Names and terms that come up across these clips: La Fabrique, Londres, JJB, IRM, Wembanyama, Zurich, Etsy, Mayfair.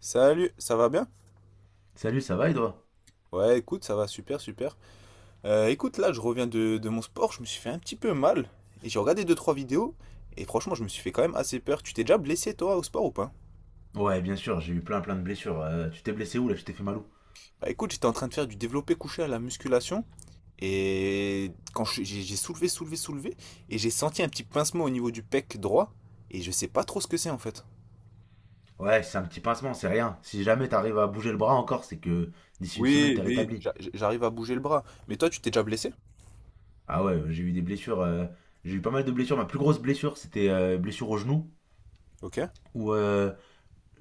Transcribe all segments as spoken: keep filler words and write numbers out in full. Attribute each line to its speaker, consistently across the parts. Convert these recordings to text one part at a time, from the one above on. Speaker 1: Salut, ça va bien?
Speaker 2: Salut, ça va et toi?
Speaker 1: Ouais, écoute, ça va super, super. Euh, écoute, là, je reviens de, de mon sport, je me suis fait un petit peu mal. Et j'ai regardé deux trois vidéos, et franchement, je me suis fait quand même assez peur. Tu t'es déjà blessé, toi, au sport ou pas?
Speaker 2: Ouais, bien sûr, j'ai eu plein plein de blessures. Euh, tu t'es blessé où là? Je t'ai fait mal où?
Speaker 1: Bah écoute, j'étais en train de faire du développé couché à la musculation, et quand je- j'ai j'ai soulevé, soulevé, soulevé, et j'ai senti un petit pincement au niveau du pec droit, et je sais pas trop ce que c'est en fait.
Speaker 2: Ouais, c'est un petit pincement, c'est rien. Si jamais t'arrives à bouger le bras encore, c'est que d'ici une semaine,
Speaker 1: Oui,
Speaker 2: t'es
Speaker 1: oui.
Speaker 2: rétabli.
Speaker 1: J'a- J'arrive à bouger le bras. Mais toi, tu t'es déjà blessé?
Speaker 2: Ah ouais, j'ai eu des blessures. Euh, j'ai eu pas mal de blessures. Ma plus grosse blessure, c'était euh, blessure au genou,
Speaker 1: Ok.
Speaker 2: où euh,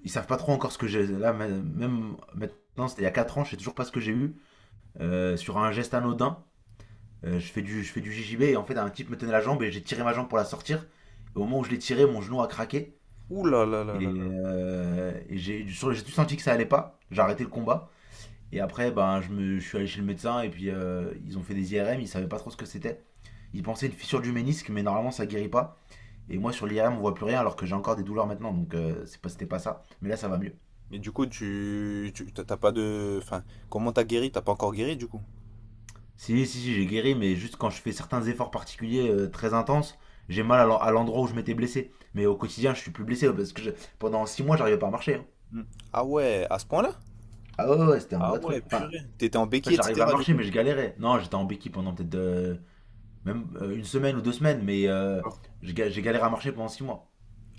Speaker 2: ils savent pas trop encore ce que j'ai. Là, ma- même maintenant, c'était il y a quatre ans, je sais toujours pas ce que j'ai eu. Euh, sur un geste anodin, euh, je fais du, je fais du J J B et en fait, un type me tenait la jambe et j'ai tiré ma jambe pour la sortir. Et au moment où je l'ai tiré, mon genou a craqué.
Speaker 1: Ouh là.
Speaker 2: Et, euh, et j'ai sur- j'ai tout senti que ça allait pas. J'ai arrêté le combat. Et après, ben, je me, je suis allé chez le médecin et puis euh, ils ont fait des I R M. Ils savaient pas trop ce que c'était. Ils pensaient une fissure du ménisque, mais normalement ça guérit pas. Et moi sur l'I R M on voit plus rien alors que j'ai encore des douleurs maintenant. Donc euh, c'est pas, c'était pas ça. Mais là ça va mieux.
Speaker 1: Mais du coup, tu, tu t'as t'as pas de... Enfin, comment t'as guéri? T'as pas encore guéri, du coup?
Speaker 2: Si, si, si, j'ai guéri, mais juste quand je fais certains efforts particuliers euh, très intenses, j'ai mal à l'en- à l'endroit où je m'étais blessé. Mais au quotidien, je suis plus blessé parce que je- pendant six mois, j'arrivais pas à marcher, hein.
Speaker 1: Hmm. Ah ouais, à ce point-là?
Speaker 2: Ah ouais, ouais, ouais, c'était un
Speaker 1: Ah
Speaker 2: vrai
Speaker 1: ouais,
Speaker 2: truc. Enfin,
Speaker 1: purée. T'étais en
Speaker 2: en
Speaker 1: béquille,
Speaker 2: fait, j'arrivais à
Speaker 1: et cetera du
Speaker 2: marcher,
Speaker 1: coup.
Speaker 2: mais je galérais. Non, j'étais en béquille pendant peut-être euh, même euh, une semaine ou deux semaines, mais euh, j'ai ga- j'ai galéré à marcher pendant six mois.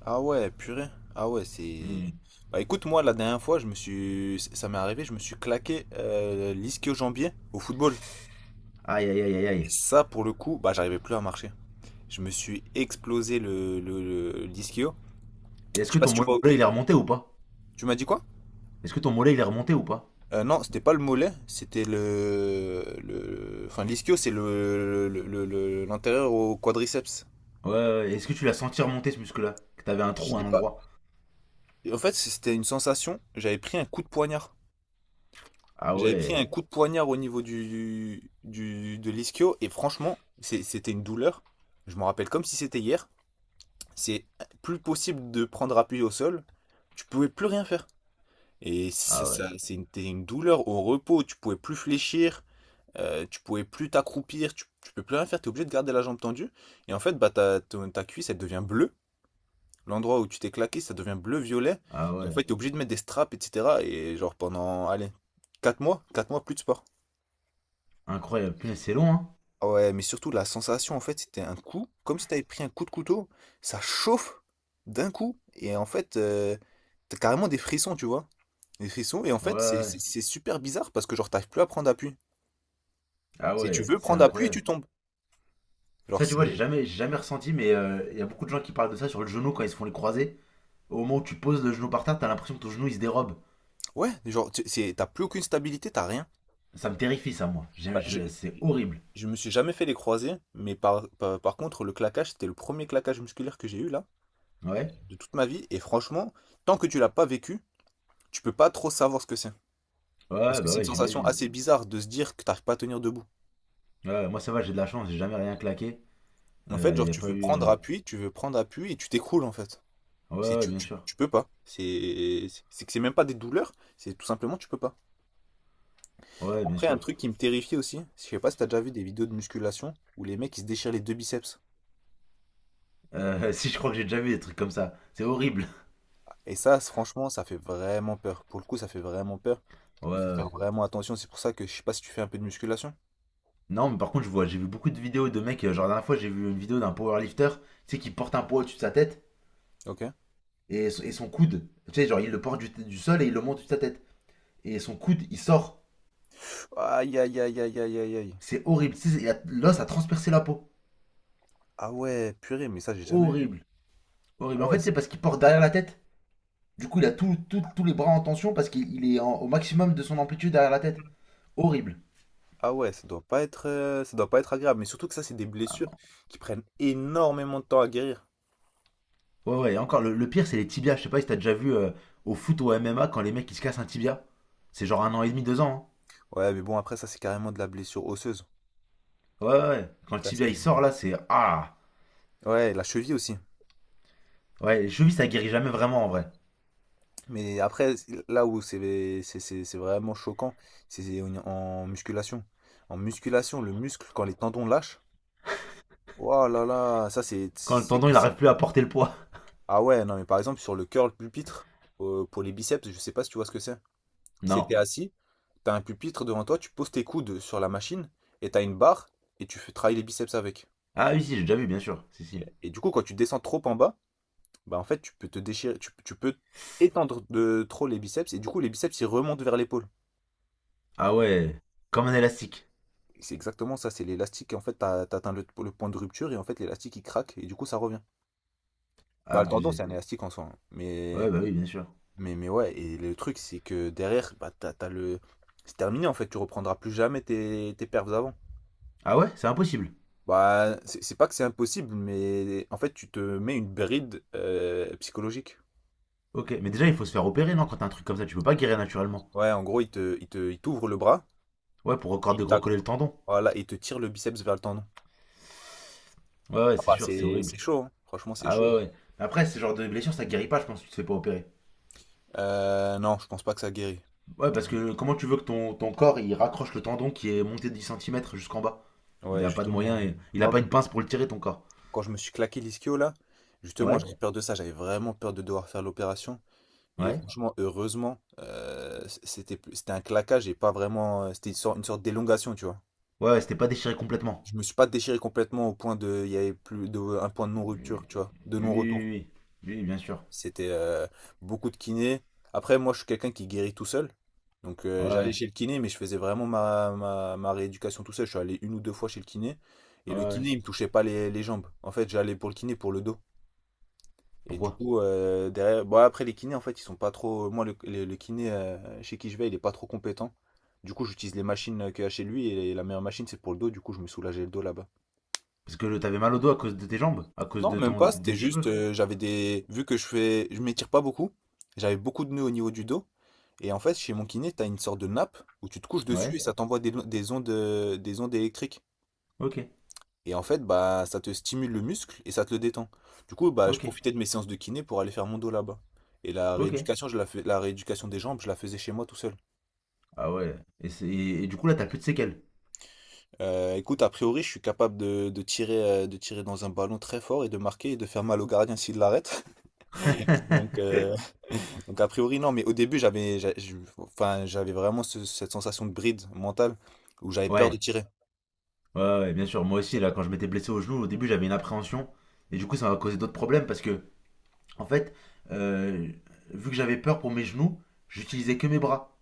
Speaker 1: Ah ouais, purée. Ah ouais, c'est...
Speaker 2: Hmm.
Speaker 1: Bah écoute, moi, la dernière fois, je me suis... Ça m'est arrivé, je me suis claqué euh, l'ischio-jambier au football.
Speaker 2: Aïe, aïe, aïe, aïe,
Speaker 1: Et
Speaker 2: aïe.
Speaker 1: ça, pour le coup, bah j'arrivais plus à marcher. Je me suis explosé le, le, le- l'ischio.
Speaker 2: Et
Speaker 1: Je
Speaker 2: est-ce
Speaker 1: sais
Speaker 2: que
Speaker 1: pas
Speaker 2: ton
Speaker 1: si tu
Speaker 2: mollet,
Speaker 1: vois...
Speaker 2: il est remonté ou pas?
Speaker 1: Tu m'as dit quoi?
Speaker 2: Est-ce que ton mollet, il est remonté ou pas?
Speaker 1: Euh, non, c'était pas le mollet, c'était le... le... Enfin, l'ischio, c'est le, le, le- le- l'antérieur au quadriceps.
Speaker 2: Ouais, ouais, ouais. Est-ce que tu l'as senti remonter, ce muscle-là? Que t'avais un
Speaker 1: Je
Speaker 2: trou à
Speaker 1: l'ai
Speaker 2: un
Speaker 1: pas...
Speaker 2: endroit?
Speaker 1: Et en fait, c'était une sensation. J'avais pris un coup de poignard.
Speaker 2: Ah
Speaker 1: J'avais pris
Speaker 2: ouais,
Speaker 1: un coup de poignard au niveau du, du- de l'ischio et franchement, c'est- c'était une douleur. Je m'en rappelle comme si c'était hier. C'est plus possible de prendre appui au sol. Tu pouvais plus rien faire. Et ça,
Speaker 2: ah ouais,
Speaker 1: ça- c'est une, t'es une douleur au repos. Tu pouvais plus fléchir. Euh, tu pouvais plus t'accroupir. Tu, tu peux plus rien faire. Tu es obligé de garder la jambe tendue. Et en fait, bah, ta, ton- ta cuisse, elle devient bleue. L'endroit où tu t'es claqué, ça devient bleu-violet.
Speaker 2: ah
Speaker 1: Et en
Speaker 2: ouais.
Speaker 1: fait, t'es obligé de mettre des straps, et cetera. Et genre pendant, allez, quatre mois, quatre mois, plus de sport.
Speaker 2: Incroyable. Punaise, c'est long, hein?
Speaker 1: Ah ouais, mais surtout la sensation, en fait, c'était un coup, comme si t'avais pris un coup de couteau, ça chauffe d'un coup. Et en fait, euh, t'as carrément des frissons, tu vois. Des frissons. Et en
Speaker 2: Ouais,
Speaker 1: fait, c'est
Speaker 2: ouais.
Speaker 1: c'est- c'est super bizarre parce que genre, t'arrives plus à prendre appui.
Speaker 2: Ah
Speaker 1: Si tu
Speaker 2: ouais,
Speaker 1: veux
Speaker 2: c'est
Speaker 1: prendre appui,
Speaker 2: incroyable.
Speaker 1: tu tombes. Genre,
Speaker 2: Ça, tu vois, j'ai
Speaker 1: c'est...
Speaker 2: jamais, j'ai jamais ressenti, mais euh, il y a beaucoup de gens qui parlent de ça sur le genou quand ils se font les croisés. Au moment où tu poses le genou par terre, t'as l'impression que ton genou, il se dérobe.
Speaker 1: Ouais, genre, tu- c'est- t'as plus aucune stabilité, t'as rien.
Speaker 2: Ça me terrifie, ça, moi. J'ai-
Speaker 1: Bah, je-
Speaker 2: je- C'est horrible.
Speaker 1: Je me suis jamais fait les croisés, mais par, par, par contre, le claquage, c'était le premier claquage musculaire que j'ai eu là,
Speaker 2: Ouais.
Speaker 1: de toute ma vie. Et franchement, tant que tu l'as pas vécu, tu peux pas trop savoir ce que c'est. Parce
Speaker 2: Ouais,
Speaker 1: que
Speaker 2: bah
Speaker 1: c'est une
Speaker 2: ouais,
Speaker 1: sensation
Speaker 2: j'imagine.
Speaker 1: assez bizarre de se dire que t'arrives pas à tenir debout.
Speaker 2: Ouais, moi, ça va, j'ai de la chance, j'ai jamais rien claqué.
Speaker 1: En fait,
Speaker 2: Il
Speaker 1: genre,
Speaker 2: n'y a
Speaker 1: tu
Speaker 2: pas
Speaker 1: veux
Speaker 2: eu. Euh,
Speaker 1: prendre appui, tu veux prendre appui et tu t'écroules en fait.
Speaker 2: Ouais,
Speaker 1: C'est,
Speaker 2: ouais,
Speaker 1: tu,
Speaker 2: bien
Speaker 1: tu,
Speaker 2: sûr.
Speaker 1: tu peux pas. C'est, c'est que c'est même pas des douleurs, c'est tout simplement tu peux pas.
Speaker 2: Ouais, bien
Speaker 1: Après, un
Speaker 2: sûr.
Speaker 1: truc qui me terrifiait aussi, je sais pas si t'as déjà vu des vidéos de musculation où les mecs ils se déchirent les deux biceps.
Speaker 2: Euh, si je crois que j'ai déjà vu des trucs comme ça, c'est horrible.
Speaker 1: Et ça, c- franchement, ça fait vraiment peur. Pour le coup, ça fait vraiment peur.
Speaker 2: Ouais,
Speaker 1: Il faut
Speaker 2: ouais,
Speaker 1: faire
Speaker 2: ouais.
Speaker 1: vraiment attention. C'est pour ça que je sais pas si tu fais un peu de musculation.
Speaker 2: Non, mais par contre, je vois, j'ai vu beaucoup de vidéos de mecs. euh, Genre, la dernière fois, j'ai vu une vidéo d'un powerlifter, tu sais, qui porte un poids au-dessus de sa tête
Speaker 1: Ok.
Speaker 2: et, son- et son coude. Tu sais, genre, il le porte du, du sol et il le monte au-dessus de sa tête. Et son coude, il sort.
Speaker 1: Aïe, aïe, aïe, aïe, aïe, aïe, aïe.
Speaker 2: C'est horrible. Tu sais, il a- l'os a transpercé la peau.
Speaker 1: Ah ouais, purée, mais ça, j'ai jamais vu.
Speaker 2: Horrible.
Speaker 1: Ah
Speaker 2: Horrible. En
Speaker 1: ouais,
Speaker 2: fait, c'est
Speaker 1: c'est...
Speaker 2: parce qu'il porte derrière la tête. Du coup, il a tout- tout- tous les bras en tension parce qu'il est en- au maximum de son amplitude derrière la tête. Horrible.
Speaker 1: Ah ouais, ça doit pas être, euh, ça doit pas être agréable. Mais surtout que ça, c'est des blessures qui prennent énormément de temps à guérir.
Speaker 2: Ouais, ouais, et encore, le, le pire, c'est les tibias. Je sais pas si t'as déjà vu euh, au foot ou au M M A quand les mecs ils se cassent un tibia. C'est genre un an et demi, deux ans,
Speaker 1: Ouais, mais bon, après, ça, c'est carrément de la blessure osseuse.
Speaker 2: hein. Ouais, ouais, ouais. Quand le
Speaker 1: Ça,
Speaker 2: tibia
Speaker 1: c'est...
Speaker 2: il sort là, c'est. Ah.
Speaker 1: Ouais, la cheville aussi.
Speaker 2: Ouais, les chevilles ça guérit jamais vraiment en vrai.
Speaker 1: Mais après, c'est- là où c'est c'est- c'est- c'est vraiment choquant, c'est en en musculation. En musculation, le muscle, quand les tendons lâchent, oh là là. Ça c'est... c'est-
Speaker 2: Quand le
Speaker 1: C'est
Speaker 2: tendon
Speaker 1: que
Speaker 2: il
Speaker 1: c'est-
Speaker 2: arrive plus à porter le poids.
Speaker 1: Ah ouais, non mais par exemple sur le curl pupitre, euh, pour les biceps, je sais pas si tu vois ce que c'est. C'est
Speaker 2: Non.
Speaker 1: t'es assis, t'as un pupitre devant toi, tu poses tes coudes sur la machine, et t'as une barre, et tu fais travailler les biceps avec.
Speaker 2: Ah oui, si, j'ai déjà vu, bien sûr. Si,
Speaker 1: Ok.
Speaker 2: si.
Speaker 1: Et du coup, quand tu descends trop en bas, bah en fait tu peux te déchirer, tu, tu peux étendre de trop les biceps, et du coup les biceps ils remontent vers l'épaule.
Speaker 2: Ah ouais. Comme un élastique.
Speaker 1: Et C'est exactement ça, c'est l'élastique, en fait t'as, t'as atteint le, le point de rupture, et en fait l'élastique il craque, et du coup ça revient. Bah le tendon c'est
Speaker 2: Abusé.
Speaker 1: un élastique en soi, hein, mais
Speaker 2: Ouais, bah oui, bien sûr.
Speaker 1: Mais, mais ouais, et le truc, c'est que derrière, bah, t'as, t'as le... c'est terminé en fait, tu reprendras plus jamais tes, tes perfs avant.
Speaker 2: Ah ouais, c'est impossible.
Speaker 1: Bah, c'est c'est pas que c'est impossible, mais en fait, tu te mets une bride euh, psychologique.
Speaker 2: Ok, mais déjà il faut se faire opérer, non? Quand t'as un truc comme ça, tu peux pas guérir naturellement.
Speaker 1: Ouais, en gros, il te, il te, il t'ouvre le bras,
Speaker 2: Ouais, pour encore
Speaker 1: il tac,
Speaker 2: dégrocoller le tendon.
Speaker 1: voilà, et il te tire le biceps vers le tendon.
Speaker 2: Ouais, ouais,
Speaker 1: Ah
Speaker 2: c'est
Speaker 1: bah,
Speaker 2: sûr, c'est
Speaker 1: c'est,
Speaker 2: horrible.
Speaker 1: c'est chaud, hein. Franchement, c'est
Speaker 2: Ah
Speaker 1: chaud.
Speaker 2: ouais, ouais. Après, ce genre de blessure, ça guérit pas, je pense, si tu te fais pas opérer.
Speaker 1: Euh, non, je pense pas que ça guérit.
Speaker 2: Ouais, parce que comment tu veux que ton, ton corps, il raccroche le tendon qui est monté de dix centimètres jusqu'en bas? Il
Speaker 1: Ouais,
Speaker 2: a pas de
Speaker 1: justement,
Speaker 2: moyen, et- il a
Speaker 1: moi,
Speaker 2: pas
Speaker 1: quand,
Speaker 2: une pince pour le tirer, ton corps.
Speaker 1: quand je me suis claqué l'ischio là, justement,
Speaker 2: Ouais.
Speaker 1: j'avais peur de ça, j'avais vraiment peur de devoir faire l'opération. Et
Speaker 2: Ouais.
Speaker 1: franchement, heureusement, heu, c c'était plus, c'était un claquage et pas vraiment, c'était une sorte une sorte d'élongation, tu vois?
Speaker 2: Ouais, ouais, c'était pas déchiré complètement.
Speaker 1: Je me suis pas déchiré complètement au point de il y avait plus de un point de non-rupture, tu vois? De
Speaker 2: Oui,
Speaker 1: non-retour.
Speaker 2: oui, oui. Oui, bien sûr.
Speaker 1: C'était, heu, beaucoup de kiné. Après moi, je suis quelqu'un qui guérit tout seul, donc
Speaker 2: Ouais,
Speaker 1: heu, j'allais
Speaker 2: ouais,
Speaker 1: chez le kiné, mais je faisais vraiment ma ma ma rééducation tout seul. Je suis allé une ou deux fois chez le kiné et
Speaker 2: ouais,
Speaker 1: le
Speaker 2: ouais.
Speaker 1: kiné, il me touchait pas les les jambes. En fait, j'allais pour le kiné pour le dos. Et du
Speaker 2: Pourquoi?
Speaker 1: coup, euh, derrière, bon, après les kinés, en fait, ils sont pas trop. Moi, le, le- le kiné euh, chez qui je vais, il est pas trop compétent. Du coup, j'utilise les machines euh, qu'il y a chez lui et la meilleure machine, c'est pour le dos. Du coup, je me soulageais le dos là-bas.
Speaker 2: Parce que t'avais mal au dos à cause de tes jambes? À cause
Speaker 1: Non,
Speaker 2: de
Speaker 1: même
Speaker 2: ton de
Speaker 1: pas.
Speaker 2: tes
Speaker 1: C'était juste,
Speaker 2: déchirures?
Speaker 1: euh, j'avais des. Vu que je fais, je m'étire pas beaucoup, j'avais beaucoup de nœuds au niveau du dos. Et en fait, chez mon kiné, t'as une sorte de nappe où tu te couches dessus
Speaker 2: Ouais.
Speaker 1: et ça t'envoie des, des ondes, euh, des ondes électriques.
Speaker 2: Ok,
Speaker 1: Et en fait, bah, ça te stimule le muscle et ça te le détend. Du coup, bah, je
Speaker 2: ok,
Speaker 1: profitais de mes séances de kiné pour aller faire mon dos là-bas. Et la
Speaker 2: ok.
Speaker 1: rééducation, je la fais, la rééducation des jambes, je la faisais chez moi tout seul.
Speaker 2: Ah ouais. Et, c'est- et du coup, là, t'as plus de séquelles.
Speaker 1: Euh, écoute, a priori, je suis capable de, de tirer, euh, de tirer dans un ballon très fort et de marquer et de faire mal au gardien s'il l'arrête. Donc, euh, donc a priori, non. Mais au début, j'avais, j'a- je- enfin, j'avais vraiment ce- cette sensation de bride mentale où j'avais peur de
Speaker 2: ouais.
Speaker 1: tirer.
Speaker 2: Ouais, ouais, bien sûr. Moi aussi, là, quand je m'étais blessé au genou, au début, j'avais une appréhension. Et du coup, ça m'a causé d'autres problèmes parce que, en fait, euh, vu que j'avais peur pour mes genoux, j'utilisais que mes bras.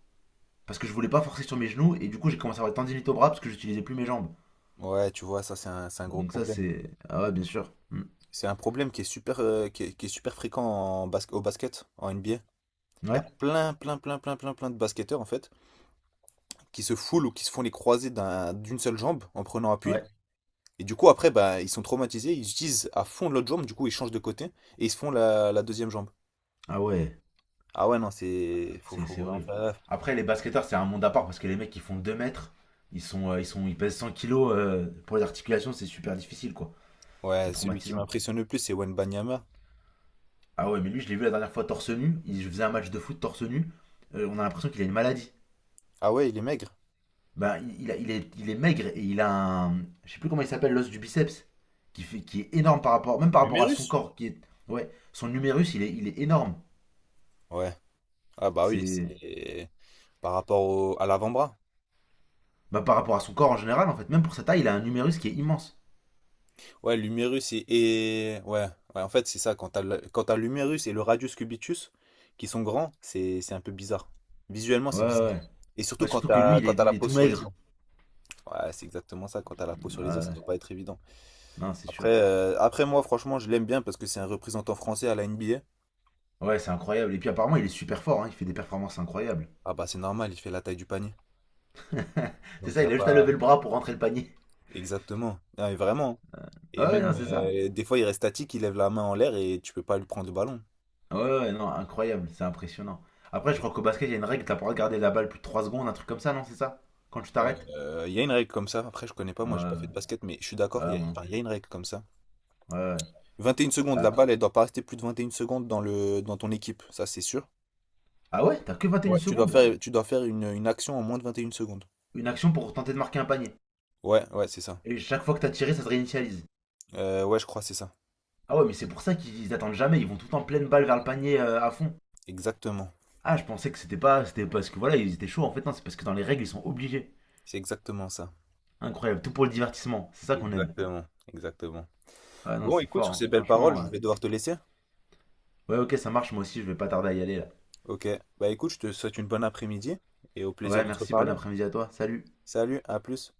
Speaker 2: Parce que je voulais pas forcer sur mes genoux. Et du coup, j'ai commencé à avoir tendinite au bras parce que j'utilisais plus mes jambes.
Speaker 1: Ouais, tu vois, ça c'est un, c'est un gros
Speaker 2: Donc, ça,
Speaker 1: problème.
Speaker 2: c'est. Ah ouais, bien sûr. Hmm.
Speaker 1: C'est un problème qui est super, euh, qui est, qui est super fréquent en basque- au basket, en N B A. Il y a
Speaker 2: Ouais,
Speaker 1: plein, plein, plein, plein, plein, plein de basketteurs en fait qui se foulent ou qui se font les croisés d'un- d'une seule jambe en prenant appui.
Speaker 2: ouais.
Speaker 1: Et du coup, après, bah, ils sont traumatisés, ils utilisent à fond l'autre jambe, du coup, ils changent de côté et ils se font la, la deuxième jambe.
Speaker 2: Ah ouais,
Speaker 1: Ah ouais, non, c'est. Faut,
Speaker 2: c'est
Speaker 1: faut
Speaker 2: c'est
Speaker 1: vraiment
Speaker 2: horrible.
Speaker 1: faire gaffe.
Speaker 2: Après, les basketteurs, c'est un monde à part parce que les mecs, ils font deux mètres. Ils sont, euh, ils sont, ils pèsent cent kilos. Euh, pour les articulations, c'est super difficile, quoi. C'est
Speaker 1: Ouais, celui qui
Speaker 2: traumatisant.
Speaker 1: m'impressionne le plus, c'est Wembanyama.
Speaker 2: Ah ouais, mais lui, je l'ai vu la dernière fois torse nu. Il faisait un match de foot torse nu. Euh, on a l'impression qu'il a une maladie.
Speaker 1: Ah ouais, il est maigre.
Speaker 2: Bah, il, il a- il est, il est maigre et il a un. Je sais plus comment il s'appelle, l'os du biceps. Qui, fait, qui est énorme par rapport. Même par rapport à
Speaker 1: L'humérus?
Speaker 2: son corps. Qui est, ouais, son numérus, il est, il est énorme.
Speaker 1: Ouais. Ah bah oui,
Speaker 2: C'est.
Speaker 1: c'est par rapport au- à l'avant-bras.
Speaker 2: Bah, par rapport à son corps en général, en fait. Même pour sa taille, il a un numérus qui est immense.
Speaker 1: Ouais, l'humérus et, et- ouais, ouais, en fait, c'est ça. Quand t'as le- quand t'as l'humérus et le radius cubitus qui sont grands, c'est c'est un peu bizarre. Visuellement,
Speaker 2: Ouais,
Speaker 1: c'est
Speaker 2: ouais,
Speaker 1: bizarre.
Speaker 2: ouais.
Speaker 1: Et
Speaker 2: Ouais,
Speaker 1: surtout quand
Speaker 2: surtout que lui,
Speaker 1: t'as
Speaker 2: il est,
Speaker 1: quand t'as
Speaker 2: il
Speaker 1: la
Speaker 2: est
Speaker 1: peau
Speaker 2: tout
Speaker 1: sur les os.
Speaker 2: maigre.
Speaker 1: Ouais, c'est exactement ça. Quand t'as la peau sur
Speaker 2: Ouais,
Speaker 1: les os, ça
Speaker 2: ouais,
Speaker 1: doit pas être évident.
Speaker 2: non, c'est
Speaker 1: Après,
Speaker 2: sûr.
Speaker 1: euh, après moi, franchement, je l'aime bien parce que c'est un représentant français à la N B A.
Speaker 2: Ouais, c'est incroyable. Et puis apparemment, il est super fort, hein. Il fait des performances incroyables.
Speaker 1: Ah bah, c'est normal, il fait la taille du panier.
Speaker 2: C'est
Speaker 1: Donc, il
Speaker 2: ça,
Speaker 1: a
Speaker 2: il a juste à lever
Speaker 1: pas.
Speaker 2: le bras pour rentrer le panier.
Speaker 1: Exactement. Non, mais vraiment, hein.
Speaker 2: Ouais,
Speaker 1: Et
Speaker 2: ouais, non,
Speaker 1: même,
Speaker 2: c'est ça.
Speaker 1: euh, des fois, il reste statique, il lève la main en l'air et tu peux pas lui prendre le ballon.
Speaker 2: Ouais, ouais, ouais, non, incroyable, c'est impressionnant. Après, je crois qu'au basket, il y a une règle, t'as pas le droit de garder la balle plus de trois secondes, un truc comme ça, non, c'est ça? Quand tu t'arrêtes?
Speaker 1: Heu, il y a une règle comme ça. Après, je connais pas, moi, j'ai pas fait de
Speaker 2: Ouais,
Speaker 1: basket, mais je suis
Speaker 2: ouais, ouais,
Speaker 1: d'accord, il y
Speaker 2: ouais, moi
Speaker 1: a
Speaker 2: non
Speaker 1: enfin,
Speaker 2: plus.
Speaker 1: il y a une règle comme ça.
Speaker 2: Ouais, ouais.
Speaker 1: Vingt et une secondes, la
Speaker 2: Après-
Speaker 1: balle, elle doit pas rester plus de vingt et une secondes dans le dans ton équipe, ça, c'est sûr.
Speaker 2: ah ouais, t'as que vingt et une
Speaker 1: Ouais. Tu dois
Speaker 2: secondes?
Speaker 1: faire tu dois faire une, une action en moins de vingt et une secondes.
Speaker 2: Une action pour tenter de marquer un panier.
Speaker 1: Ouais, ouais, c'est ça.
Speaker 2: Et chaque fois que t'as tiré, ça se réinitialise.
Speaker 1: Heu, ouais, je crois, que c'est ça.
Speaker 2: Ah ouais, mais c'est pour ça qu'ils attendent jamais, ils vont tout le temps pleine balle vers le panier euh, à fond.
Speaker 1: Exactement.
Speaker 2: Ah, je pensais que c'était pas, c'était parce que voilà, ils étaient chauds en fait, non, c'est parce que dans les règles, ils sont obligés.
Speaker 1: C'est exactement ça.
Speaker 2: Incroyable, tout pour le divertissement, c'est ça qu'on aime.
Speaker 1: Exactement, exactement.
Speaker 2: Ah non,
Speaker 1: Bon,
Speaker 2: c'est
Speaker 1: écoute,
Speaker 2: fort,
Speaker 1: sur
Speaker 2: hein.
Speaker 1: ces belles paroles,
Speaker 2: Franchement.
Speaker 1: je
Speaker 2: euh.
Speaker 1: vais devoir te laisser.
Speaker 2: Ouais, ok, ça marche, moi aussi, je vais pas tarder à y aller là.
Speaker 1: OK. Bah, écoute, je te souhaite une bonne après-midi et au plaisir
Speaker 2: Ouais,
Speaker 1: de te
Speaker 2: merci, bon
Speaker 1: reparler, hein.
Speaker 2: après-midi à toi, salut.
Speaker 1: Salut, à plus.